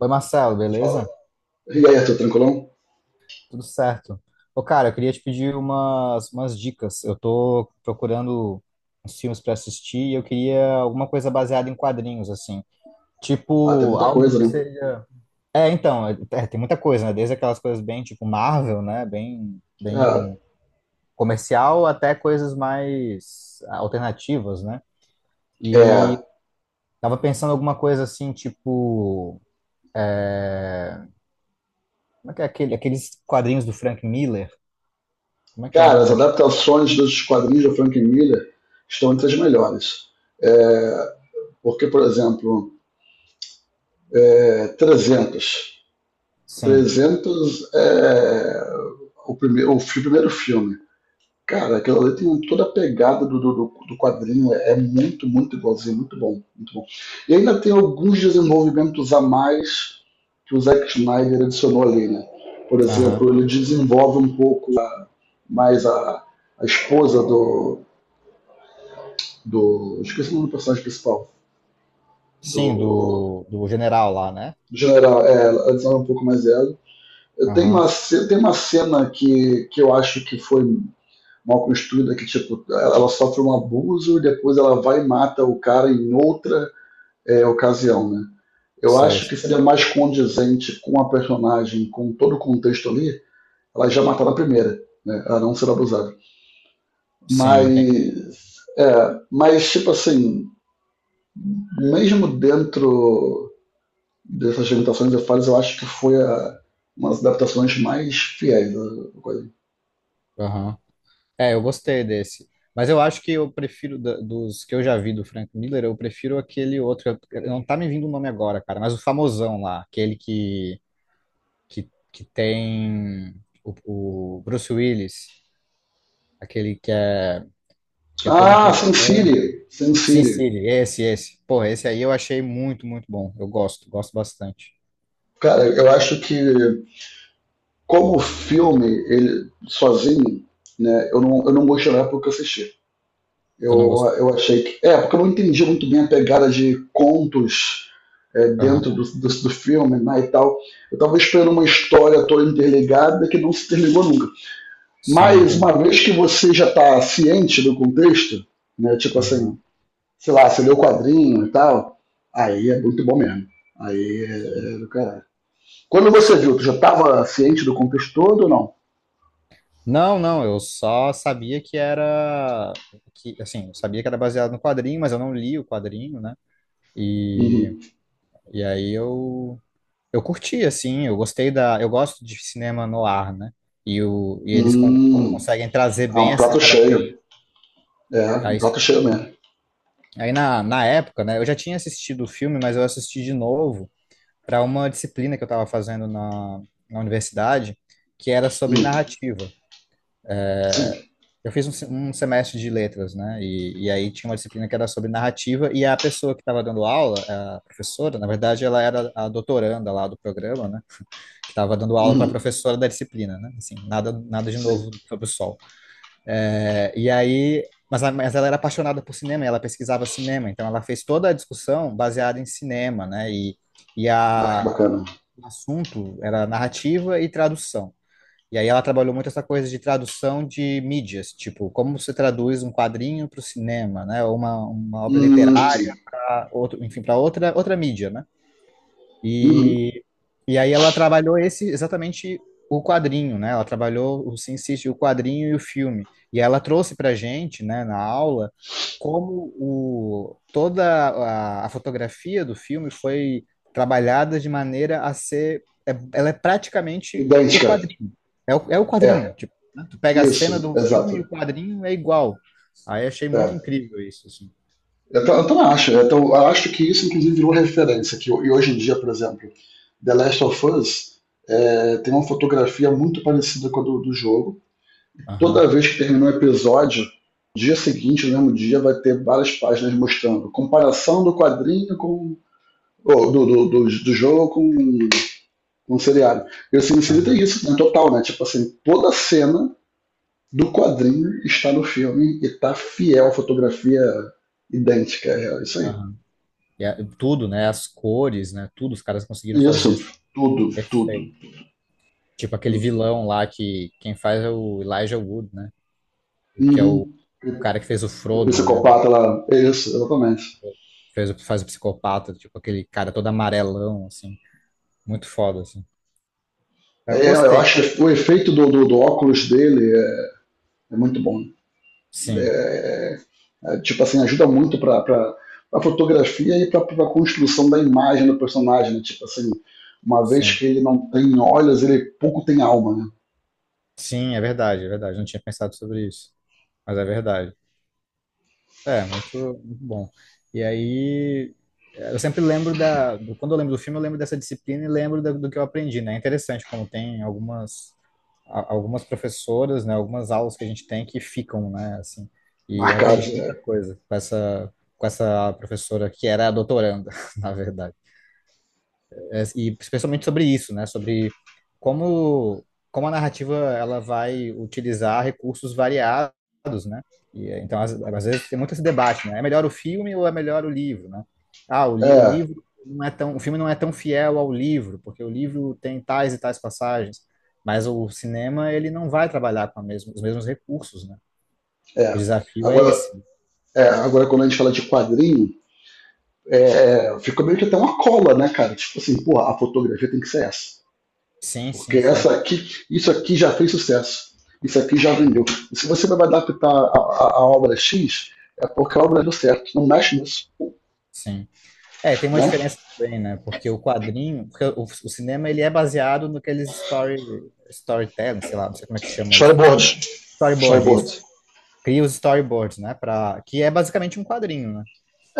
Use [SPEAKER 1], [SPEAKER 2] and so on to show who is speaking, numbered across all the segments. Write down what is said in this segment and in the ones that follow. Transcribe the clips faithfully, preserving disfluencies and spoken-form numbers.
[SPEAKER 1] Oi, Marcelo,
[SPEAKER 2] Fala.
[SPEAKER 1] beleza?
[SPEAKER 2] E aí, Arthur, tranquilão?
[SPEAKER 1] Tudo certo. Ô, cara, eu queria te pedir umas, umas dicas. Eu tô procurando uns filmes pra assistir e eu queria alguma coisa baseada em quadrinhos, assim.
[SPEAKER 2] Ah, tem
[SPEAKER 1] Tipo,
[SPEAKER 2] muita
[SPEAKER 1] algo
[SPEAKER 2] coisa,
[SPEAKER 1] que
[SPEAKER 2] né?
[SPEAKER 1] seja. É, então, é- é, tem muita coisa, né? Desde aquelas coisas bem, tipo, Marvel, né? Bem, bem comercial, até coisas mais alternativas, né?
[SPEAKER 2] É, é,
[SPEAKER 1] E tava pensando alguma coisa assim, tipo. é, Como é que é aquele, aqueles quadrinhos do Frank Miller? Como é que é o
[SPEAKER 2] cara,
[SPEAKER 1] nome?
[SPEAKER 2] as adaptações dos quadrinhos do Frank Miller estão entre as melhores. É, porque, por exemplo, é, trezentos.
[SPEAKER 1] Sim,
[SPEAKER 2] trezentos é o primeiro, o fi- primeiro filme. Cara, aquilo ali tem toda a pegada do, do, do- do quadrinho, é, é muito, muito igualzinho, muito bom, muito bom. E ainda tem alguns desenvolvimentos a mais que o Zack Snyder adicionou ali, né? Por
[SPEAKER 1] aham.
[SPEAKER 2] exemplo, ele desenvolve um pouco mais a, a esposa do, do. Esqueci o nome do personagem principal,
[SPEAKER 1] Sim,
[SPEAKER 2] do,
[SPEAKER 1] do, do general lá, né?
[SPEAKER 2] do general, é, ela desenvolve um pouco mais ela. Tem
[SPEAKER 1] Aham.
[SPEAKER 2] uma, ce- tem uma cena que, que eu acho que foi mal construída que tipo ela sofre um abuso e depois ela vai e mata o cara em outra, é, ocasião, né? Eu
[SPEAKER 1] Sei.
[SPEAKER 2] acho que seria mais condizente com a personagem, com todo o contexto ali, ela já matar na primeira, né? Ela não ser abusada.
[SPEAKER 1] Sim, tem.
[SPEAKER 2] Mas é, mas tipo assim, mesmo dentro dessas limitações e falhas, eu acho que foi a, uma das adaptações mais fiéis da coisa.
[SPEAKER 1] Aham. É, eu gostei desse. Mas eu acho que eu prefiro, da- dos que eu já vi do Frank Miller, eu prefiro aquele outro. eu- eu- Não tá me vindo o nome agora, cara, mas o famosão lá, aquele que, que, que tem o, o Bruce Willis, aquele que é, que é todo em
[SPEAKER 2] Ah,
[SPEAKER 1] preto
[SPEAKER 2] Sin
[SPEAKER 1] e branco.
[SPEAKER 2] City, Sin
[SPEAKER 1] Sin
[SPEAKER 2] City.
[SPEAKER 1] City, esse, esse. Porra, esse aí eu achei muito, muito bom. Eu gosto, gosto bastante.
[SPEAKER 2] Cara, eu acho que, como filme, ele sozinho, né, eu não, eu não gostei na época que eu assisti.
[SPEAKER 1] Tu não
[SPEAKER 2] Eu,
[SPEAKER 1] gostou?
[SPEAKER 2] eu achei que. É, porque eu não entendi muito bem a pegada de contos, é, dentro do,
[SPEAKER 1] Aham.
[SPEAKER 2] do, do filme, né, e tal. Eu tava esperando uma história toda interligada que não se terminou nunca.
[SPEAKER 1] Sim,
[SPEAKER 2] Mas
[SPEAKER 1] tem.
[SPEAKER 2] uma vez que você já tá ciente do contexto, né, tipo
[SPEAKER 1] Aham,
[SPEAKER 2] assim, sei lá, você lê o quadrinho e tal, aí é muito bom mesmo. Aí
[SPEAKER 1] sim,
[SPEAKER 2] é, é do caralho. Quando você
[SPEAKER 1] sim.
[SPEAKER 2] viu, tu já tava ciente do contexto todo ou não?
[SPEAKER 1] Não, não, eu só sabia que era que assim, eu sabia que era baseado no quadrinho, mas eu não li o quadrinho, né? E,
[SPEAKER 2] Uhum.
[SPEAKER 1] e aí eu eu curti assim, eu gostei da, eu gosto de cinema noir, né? E o e eles con-
[SPEAKER 2] Hum,
[SPEAKER 1] conseguem trazer
[SPEAKER 2] é
[SPEAKER 1] bem
[SPEAKER 2] um prato
[SPEAKER 1] essa característica.
[SPEAKER 2] cheio. É, um
[SPEAKER 1] Aí,
[SPEAKER 2] prato cheio mesmo.
[SPEAKER 1] aí na, na época, né, eu já tinha assistido o filme, mas eu assisti de novo para uma disciplina que eu estava fazendo na, na universidade, que era sobre
[SPEAKER 2] Hum,
[SPEAKER 1] narrativa.
[SPEAKER 2] sim.
[SPEAKER 1] Eu fiz um, se- um semestre de letras, né? E, e aí tinha uma disciplina que era sobre narrativa, e a pessoa que estava dando aula, a professora, na verdade, ela era a doutoranda lá do programa, né? Que estava dando aula para a
[SPEAKER 2] Uhum,
[SPEAKER 1] professora da disciplina, né? Assim, nada, nada de
[SPEAKER 2] sim.
[SPEAKER 1] novo sobre o sol. É, e aí, mas, a- mas ela era apaixonada por cinema, e ela pesquisava cinema, então ela fez toda a discussão baseada em cinema, né? E, e
[SPEAKER 2] Ah, que
[SPEAKER 1] a,
[SPEAKER 2] bacana.
[SPEAKER 1] o assunto era narrativa e tradução. E aí ela trabalhou muito essa coisa de tradução de mídias, tipo, como você traduz um quadrinho para o cinema, né? Ou uma, uma obra
[SPEAKER 2] Hum, sim.
[SPEAKER 1] literária, outro, enfim, para outra, outra mídia, né?
[SPEAKER 2] Uhum.
[SPEAKER 1] E, e aí ela trabalhou esse exatamente o quadrinho, né? Ela trabalhou o Sin City, o quadrinho e o filme. E ela trouxe para gente, né, na aula, como o, toda a, a fotografia do filme foi trabalhada de maneira a ser, é- ela é praticamente o
[SPEAKER 2] Idêntica.
[SPEAKER 1] quadrinho. É o, é o quadrinho,
[SPEAKER 2] É,
[SPEAKER 1] tipo, né? Tu pega a cena
[SPEAKER 2] isso,
[SPEAKER 1] do
[SPEAKER 2] exato.
[SPEAKER 1] filme e o quadrinho é igual. Aí achei muito
[SPEAKER 2] É.
[SPEAKER 1] incrível isso, assim.
[SPEAKER 2] Eu, ta- eu também acho. Eu, ta- eu acho que isso, inclusive, virou referência. Que, ho- e hoje em dia, por exemplo, The Last of Us, é, tem uma fotografia muito parecida com a do, do jogo.
[SPEAKER 1] Aham,
[SPEAKER 2] Toda vez que terminar um episódio, dia seguinte, no mesmo dia, vai ter várias páginas mostrando comparação do quadrinho com, ou do, do, do, do jogo com, com o seriado. E o Sin City tem
[SPEAKER 1] aham,
[SPEAKER 2] isso, né? Total, né? Tipo assim, toda cena do quadrinho está no filme e tá fiel à fotografia idêntica. É isso aí.
[SPEAKER 1] aham. E a- tudo, né? As cores, né? Tudo, os caras conseguiram
[SPEAKER 2] Isso,
[SPEAKER 1] fazer assim,
[SPEAKER 2] tudo, tudo.
[SPEAKER 1] perfeito. Tipo aquele vilão lá que quem faz é o Elijah Wood, né? O que é o,
[SPEAKER 2] Uhum.
[SPEAKER 1] o cara que fez o
[SPEAKER 2] O
[SPEAKER 1] Frodo, né?
[SPEAKER 2] psicopata lá, é isso, exatamente.
[SPEAKER 1] Fez, o- faz o psicopata, tipo aquele cara todo amarelão, assim. Muito foda, assim. Aí eu
[SPEAKER 2] É, eu
[SPEAKER 1] gostei.
[SPEAKER 2] acho que o efeito do, do, do óculos dele é, é muito bom, né?
[SPEAKER 1] Sim,
[SPEAKER 2] É, tipo assim, ajuda muito para a fotografia e para a construção da imagem do personagem, né? Tipo assim, uma vez
[SPEAKER 1] sim.
[SPEAKER 2] que ele não tem olhos, ele pouco tem alma, né?
[SPEAKER 1] Sim, é verdade, é verdade. Não tinha pensado sobre isso, mas é verdade. É, muito, muito bom. E aí, eu sempre lembro da, do- quando eu lembro do filme, eu lembro dessa disciplina e lembro da- do que eu aprendi, né? É interessante como tem algumas, a- algumas professoras, né? Algumas aulas que a gente tem que ficam, né? Assim, e eu aprendi
[SPEAKER 2] Marcados,
[SPEAKER 1] muita
[SPEAKER 2] né?
[SPEAKER 1] coisa com essa, com essa professora que era a doutoranda, na verdade é, e especialmente sobre isso, né? Sobre como, como a narrativa ela vai utilizar recursos variados, né? E, é, então, às, às vezes, tem muito esse debate, né? É melhor o filme ou é melhor o livro, né? Ah, o, li, o
[SPEAKER 2] É,
[SPEAKER 1] livro não é tão, o filme não é tão fiel ao livro, porque o livro tem tais e tais passagens, mas o cinema, ele não vai trabalhar com a mesma, os mesmos recursos, né? O
[SPEAKER 2] é.
[SPEAKER 1] desafio é
[SPEAKER 2] Agora,
[SPEAKER 1] esse.
[SPEAKER 2] é, agora, quando a gente fala de quadrinho, é, é, fica meio que até uma cola, né, cara? Tipo assim, porra, a fotografia tem que ser essa.
[SPEAKER 1] Sim,
[SPEAKER 2] Porque
[SPEAKER 1] sim, sim,
[SPEAKER 2] essa aqui, isso aqui já fez sucesso. Isso aqui já vendeu. E se você vai adaptar a, a, a obra X, é porque a obra deu certo. Não mexe nisso,
[SPEAKER 1] sim. É, tem uma
[SPEAKER 2] né?
[SPEAKER 1] diferença também, né? Porque o quadrinho, porque o, o cinema ele é baseado no que eles story, storytelling, sei lá, não sei como é que chama isso.
[SPEAKER 2] Storyboard.
[SPEAKER 1] Storyboard,
[SPEAKER 2] Storyboard.
[SPEAKER 1] isso. Cria os storyboards, né? Pra, que é basicamente um quadrinho, né?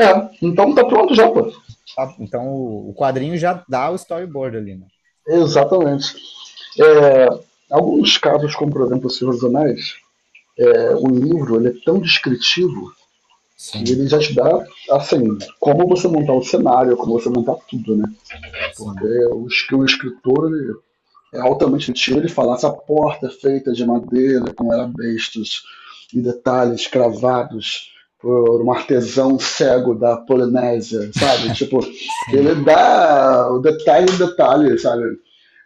[SPEAKER 2] É, então tá pronto já, pô.
[SPEAKER 1] Tá? Então o, o quadrinho já dá o storyboard ali, né?
[SPEAKER 2] Exatamente. É, alguns casos, como por exemplo o Senhor dos Anéis, é, o livro ele é tão descritivo que
[SPEAKER 1] Sim,
[SPEAKER 2] ele já te dá, assim, como você montar o cenário, como você montar tudo, né? Porque
[SPEAKER 1] sim,
[SPEAKER 2] o, es- o escritor, ele, é altamente antigo ele falar essa porta feita de madeira com arabescos e detalhes cravados por um artesão cego da Polinésia, sabe? Tipo, ele
[SPEAKER 1] sim.
[SPEAKER 2] dá o detalhe em detalhe, sabe?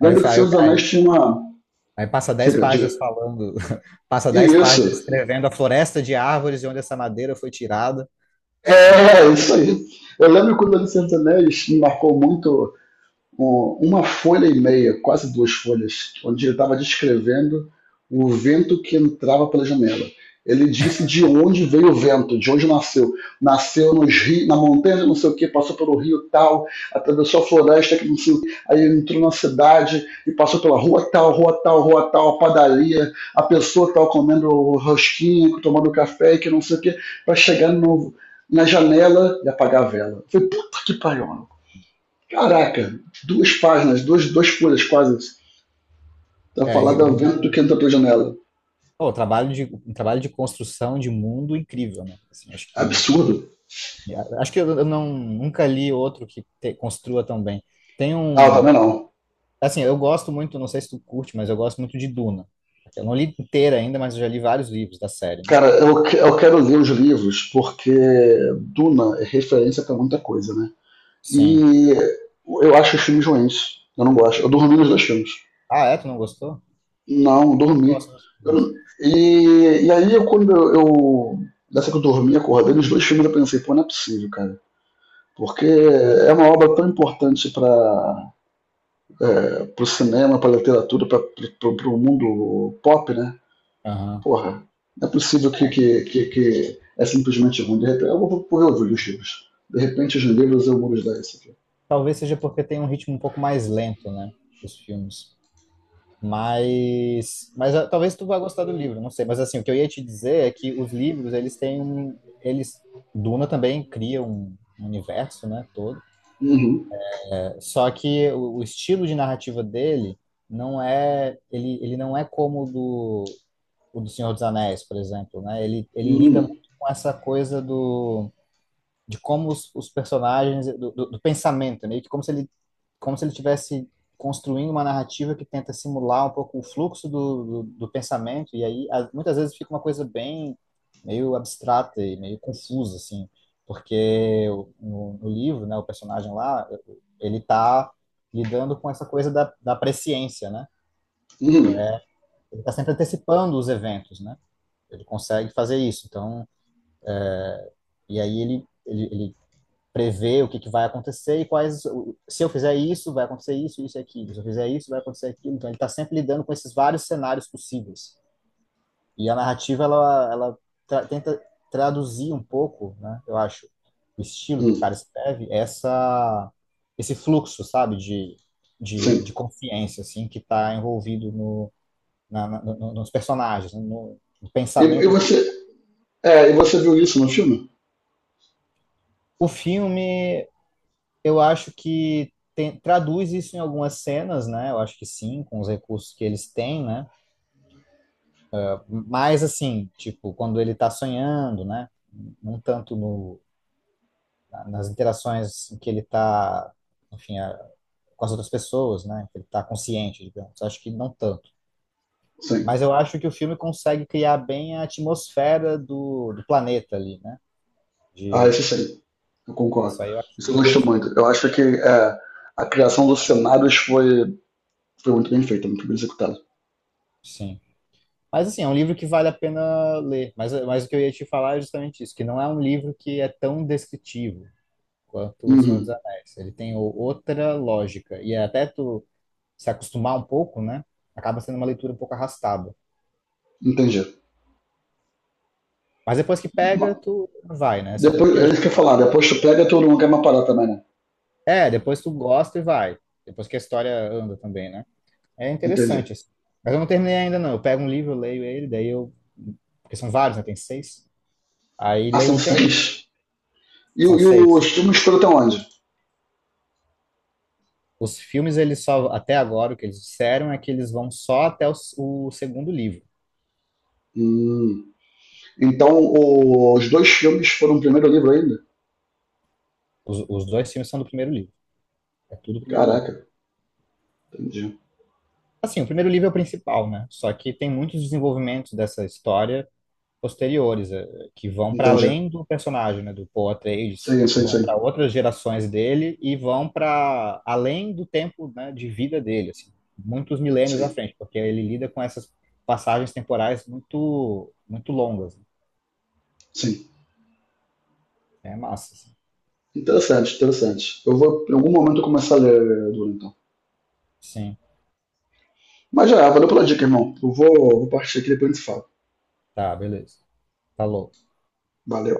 [SPEAKER 1] Aí,
[SPEAKER 2] Lembra que
[SPEAKER 1] fa-
[SPEAKER 2] Senhor
[SPEAKER 1] aí,
[SPEAKER 2] dos
[SPEAKER 1] aí
[SPEAKER 2] Anéis tinha uma...
[SPEAKER 1] aí passa dez
[SPEAKER 2] Fica,
[SPEAKER 1] páginas
[SPEAKER 2] diga.
[SPEAKER 1] falando, passa
[SPEAKER 2] E
[SPEAKER 1] dez
[SPEAKER 2] isso.
[SPEAKER 1] páginas escrevendo a floresta de árvores de onde essa madeira foi tirada.
[SPEAKER 2] É, é isso aí. Eu lembro quando ele Senhor dos Anéis me marcou muito, um- uma folha e meia, quase duas folhas, onde ele estava descrevendo o vento que entrava pela janela. Ele disse de onde veio o vento, de onde nasceu. Nasceu nos rios, na montanha, de não sei o que, passou pelo rio tal, atravessou a floresta, que não sei o quê, aí entrou na cidade e passou pela rua tal, rua tal, rua tal, a padaria, a pessoa tal comendo rosquinha, tomando café, que não sei o que, para chegar no, na janela e apagar a vela. Eu falei, puta que pariu, mano. Caraca, duas páginas, duas, duas folhas quase, pra falar
[SPEAKER 1] É,
[SPEAKER 2] do vento
[SPEAKER 1] uma,
[SPEAKER 2] que entra pela janela.
[SPEAKER 1] pô, um trabalho de, um trabalho de construção de mundo incrível, né? Assim, acho que
[SPEAKER 2] Absurdo.
[SPEAKER 1] acho que eu eu não nunca li outro que te- construa tão bem. Tem
[SPEAKER 2] Ah, eu
[SPEAKER 1] um,
[SPEAKER 2] também não.
[SPEAKER 1] assim, eu gosto muito, não sei se tu curte, mas eu gosto muito de Duna. Eu não li inteira ainda, mas eu já li vários livros da série, né?
[SPEAKER 2] Cara, eu, que- eu quero ler os livros porque Duna é referência pra muita coisa, né?
[SPEAKER 1] Sim.
[SPEAKER 2] E eu acho os filmes ruins. Eu não gosto. Eu dormi nos dois filmes.
[SPEAKER 1] Ah, é? Tu não gostou?
[SPEAKER 2] Não,
[SPEAKER 1] Eu
[SPEAKER 2] dormi.
[SPEAKER 1] gosto dos
[SPEAKER 2] Eu- não-
[SPEAKER 1] filmes.
[SPEAKER 2] e, e aí, eu, quando eu, eu. Dessa que eu dormi, acordei nos dois filmes, eu pensei, pô, não é possível, cara. Porque é uma obra tão importante pra, é, pro cinema, pra literatura, pra, pro, pro mundo pop, né?
[SPEAKER 1] Aham.
[SPEAKER 2] Porra, não é possível que, que, que, que é simplesmente ruim. De repente, eu vou, vou reouvir os livros. De repente, os livros eu vou dar isso aqui.
[SPEAKER 1] Talvez seja porque tem um ritmo um pouco mais lento, né? Dos filmes. Mas, mas ah, talvez tu vá gostar do livro, não sei. Mas assim, o que eu ia te dizer é que os livros, eles têm um, eles, Duna também cria um um universo, né, todo.
[SPEAKER 2] Uhum.
[SPEAKER 1] É, Só que o, o estilo de narrativa dele não é, ele, ele não é como o do, o do Senhor dos Anéis, por exemplo, né? Ele, ele lida muito
[SPEAKER 2] Uhum.
[SPEAKER 1] com essa coisa do, de como os, os personagens, do, do, do pensamento, meio que como se ele como se ele tivesse construindo uma narrativa que tenta simular um pouco o fluxo do, do, do pensamento, e aí a- muitas vezes fica uma coisa bem meio abstrata e meio confusa, assim, porque o- no, no livro, né, o personagem lá, ele tá lidando com essa coisa da, da presciência, né? E
[SPEAKER 2] Uhum.
[SPEAKER 1] é- ele tá sempre antecipando os eventos, né? Ele consegue fazer isso, então, e aí ele, ele, ele prever o que, que vai acontecer e quais. Se eu fizer isso, vai acontecer isso, isso e aquilo. Se eu fizer isso, vai acontecer aquilo. Então, ele está sempre lidando com esses vários cenários possíveis. E a narrativa, ela, ela tra tenta traduzir um pouco, né, eu acho, o estilo que o
[SPEAKER 2] Uhum.
[SPEAKER 1] cara escreve, essa, esse fluxo, sabe, de, de,
[SPEAKER 2] Sim.
[SPEAKER 1] de consciência, assim, que está envolvido no, na, na, no, nos personagens, no, no
[SPEAKER 2] E, e
[SPEAKER 1] pensamento do
[SPEAKER 2] você,
[SPEAKER 1] personagem.
[SPEAKER 2] é, e você viu isso no filme?
[SPEAKER 1] O filme, eu acho que tem- traduz isso em algumas cenas, né? Eu acho que sim, com os recursos que eles têm, né? Mas assim, tipo, quando ele tá sonhando, né? Não tanto no, na- nas interações em que ele tá, enfim, a- com as outras pessoas, né? Que ele tá consciente, digamos. Acho que não tanto.
[SPEAKER 2] Sim.
[SPEAKER 1] Mas eu acho que o filme consegue criar bem a atmosfera do, do planeta ali, né?
[SPEAKER 2] Ah,
[SPEAKER 1] De,
[SPEAKER 2] isso sim. Eu
[SPEAKER 1] isso
[SPEAKER 2] concordo.
[SPEAKER 1] aí eu acho
[SPEAKER 2] Isso eu
[SPEAKER 1] muito bem
[SPEAKER 2] gosto muito.
[SPEAKER 1] feito.
[SPEAKER 2] Eu acho que é, a criação dos cenários foi, foi muito bem feita, muito bem executada.
[SPEAKER 1] Sim. Mas assim, é um livro que vale a pena ler. Mas, mas o que eu ia te falar é justamente isso, que não é um livro que é tão descritivo quanto O Senhor dos
[SPEAKER 2] Uhum.
[SPEAKER 1] Anéis. Ele tem o- outra lógica. E é até tu se acostumar um pouco, né? Acaba sendo uma leitura um pouco arrastada.
[SPEAKER 2] Entendi.
[SPEAKER 1] Mas depois que pega,
[SPEAKER 2] Ma-
[SPEAKER 1] tu vai, né? Assim, tanto
[SPEAKER 2] Depois,
[SPEAKER 1] que eu
[SPEAKER 2] é
[SPEAKER 1] já
[SPEAKER 2] isso que
[SPEAKER 1] li
[SPEAKER 2] eu ia falar,
[SPEAKER 1] vários.
[SPEAKER 2] depois tu pega todo mundo quer uma parada também, né?
[SPEAKER 1] É, depois tu gosta e vai. Depois que a história anda também, né? É interessante,
[SPEAKER 2] Entendi.
[SPEAKER 1] assim. Mas eu não terminei ainda, não. Eu pego um livro, eu leio ele, daí eu. Porque são vários, né? Tem seis. Aí
[SPEAKER 2] Ah,
[SPEAKER 1] leio
[SPEAKER 2] são
[SPEAKER 1] um tempo,
[SPEAKER 2] três? E,
[SPEAKER 1] são
[SPEAKER 2] o- e
[SPEAKER 1] seis.
[SPEAKER 2] os filmes foram até onde?
[SPEAKER 1] Os filmes, eles só, até agora, o que eles disseram é que eles vão só até o, o segundo livro.
[SPEAKER 2] Hum. Então, o- os dois filmes foram o primeiro livro ainda?
[SPEAKER 1] Os, os dois filmes são do primeiro livro. É tudo o primeiro livro.
[SPEAKER 2] Caraca, entendi.
[SPEAKER 1] Assim, o primeiro livro é o principal, né? Só que tem muitos desenvolvimentos dessa história posteriores, eh, que vão para
[SPEAKER 2] Entendi.
[SPEAKER 1] além do personagem, né? Do Paul Atreides,
[SPEAKER 2] Sim, sim,
[SPEAKER 1] vão
[SPEAKER 2] sim.
[SPEAKER 1] para outras gerações dele e vão para além do tempo, né, de vida dele, assim, muitos milênios à
[SPEAKER 2] Sim,
[SPEAKER 1] frente, porque ele lida com essas passagens temporais muito, muito longas, né?
[SPEAKER 2] sim.
[SPEAKER 1] É massa, assim.
[SPEAKER 2] Interessante, interessante. Eu vou, em algum momento, eu começar a ler Duna, então.
[SPEAKER 1] Sim.
[SPEAKER 2] Mas já, é, valeu pela dica, irmão. Eu vou, vou partir aqui depois a gente fala.
[SPEAKER 1] Tá, beleza. Falou.
[SPEAKER 2] Valeu.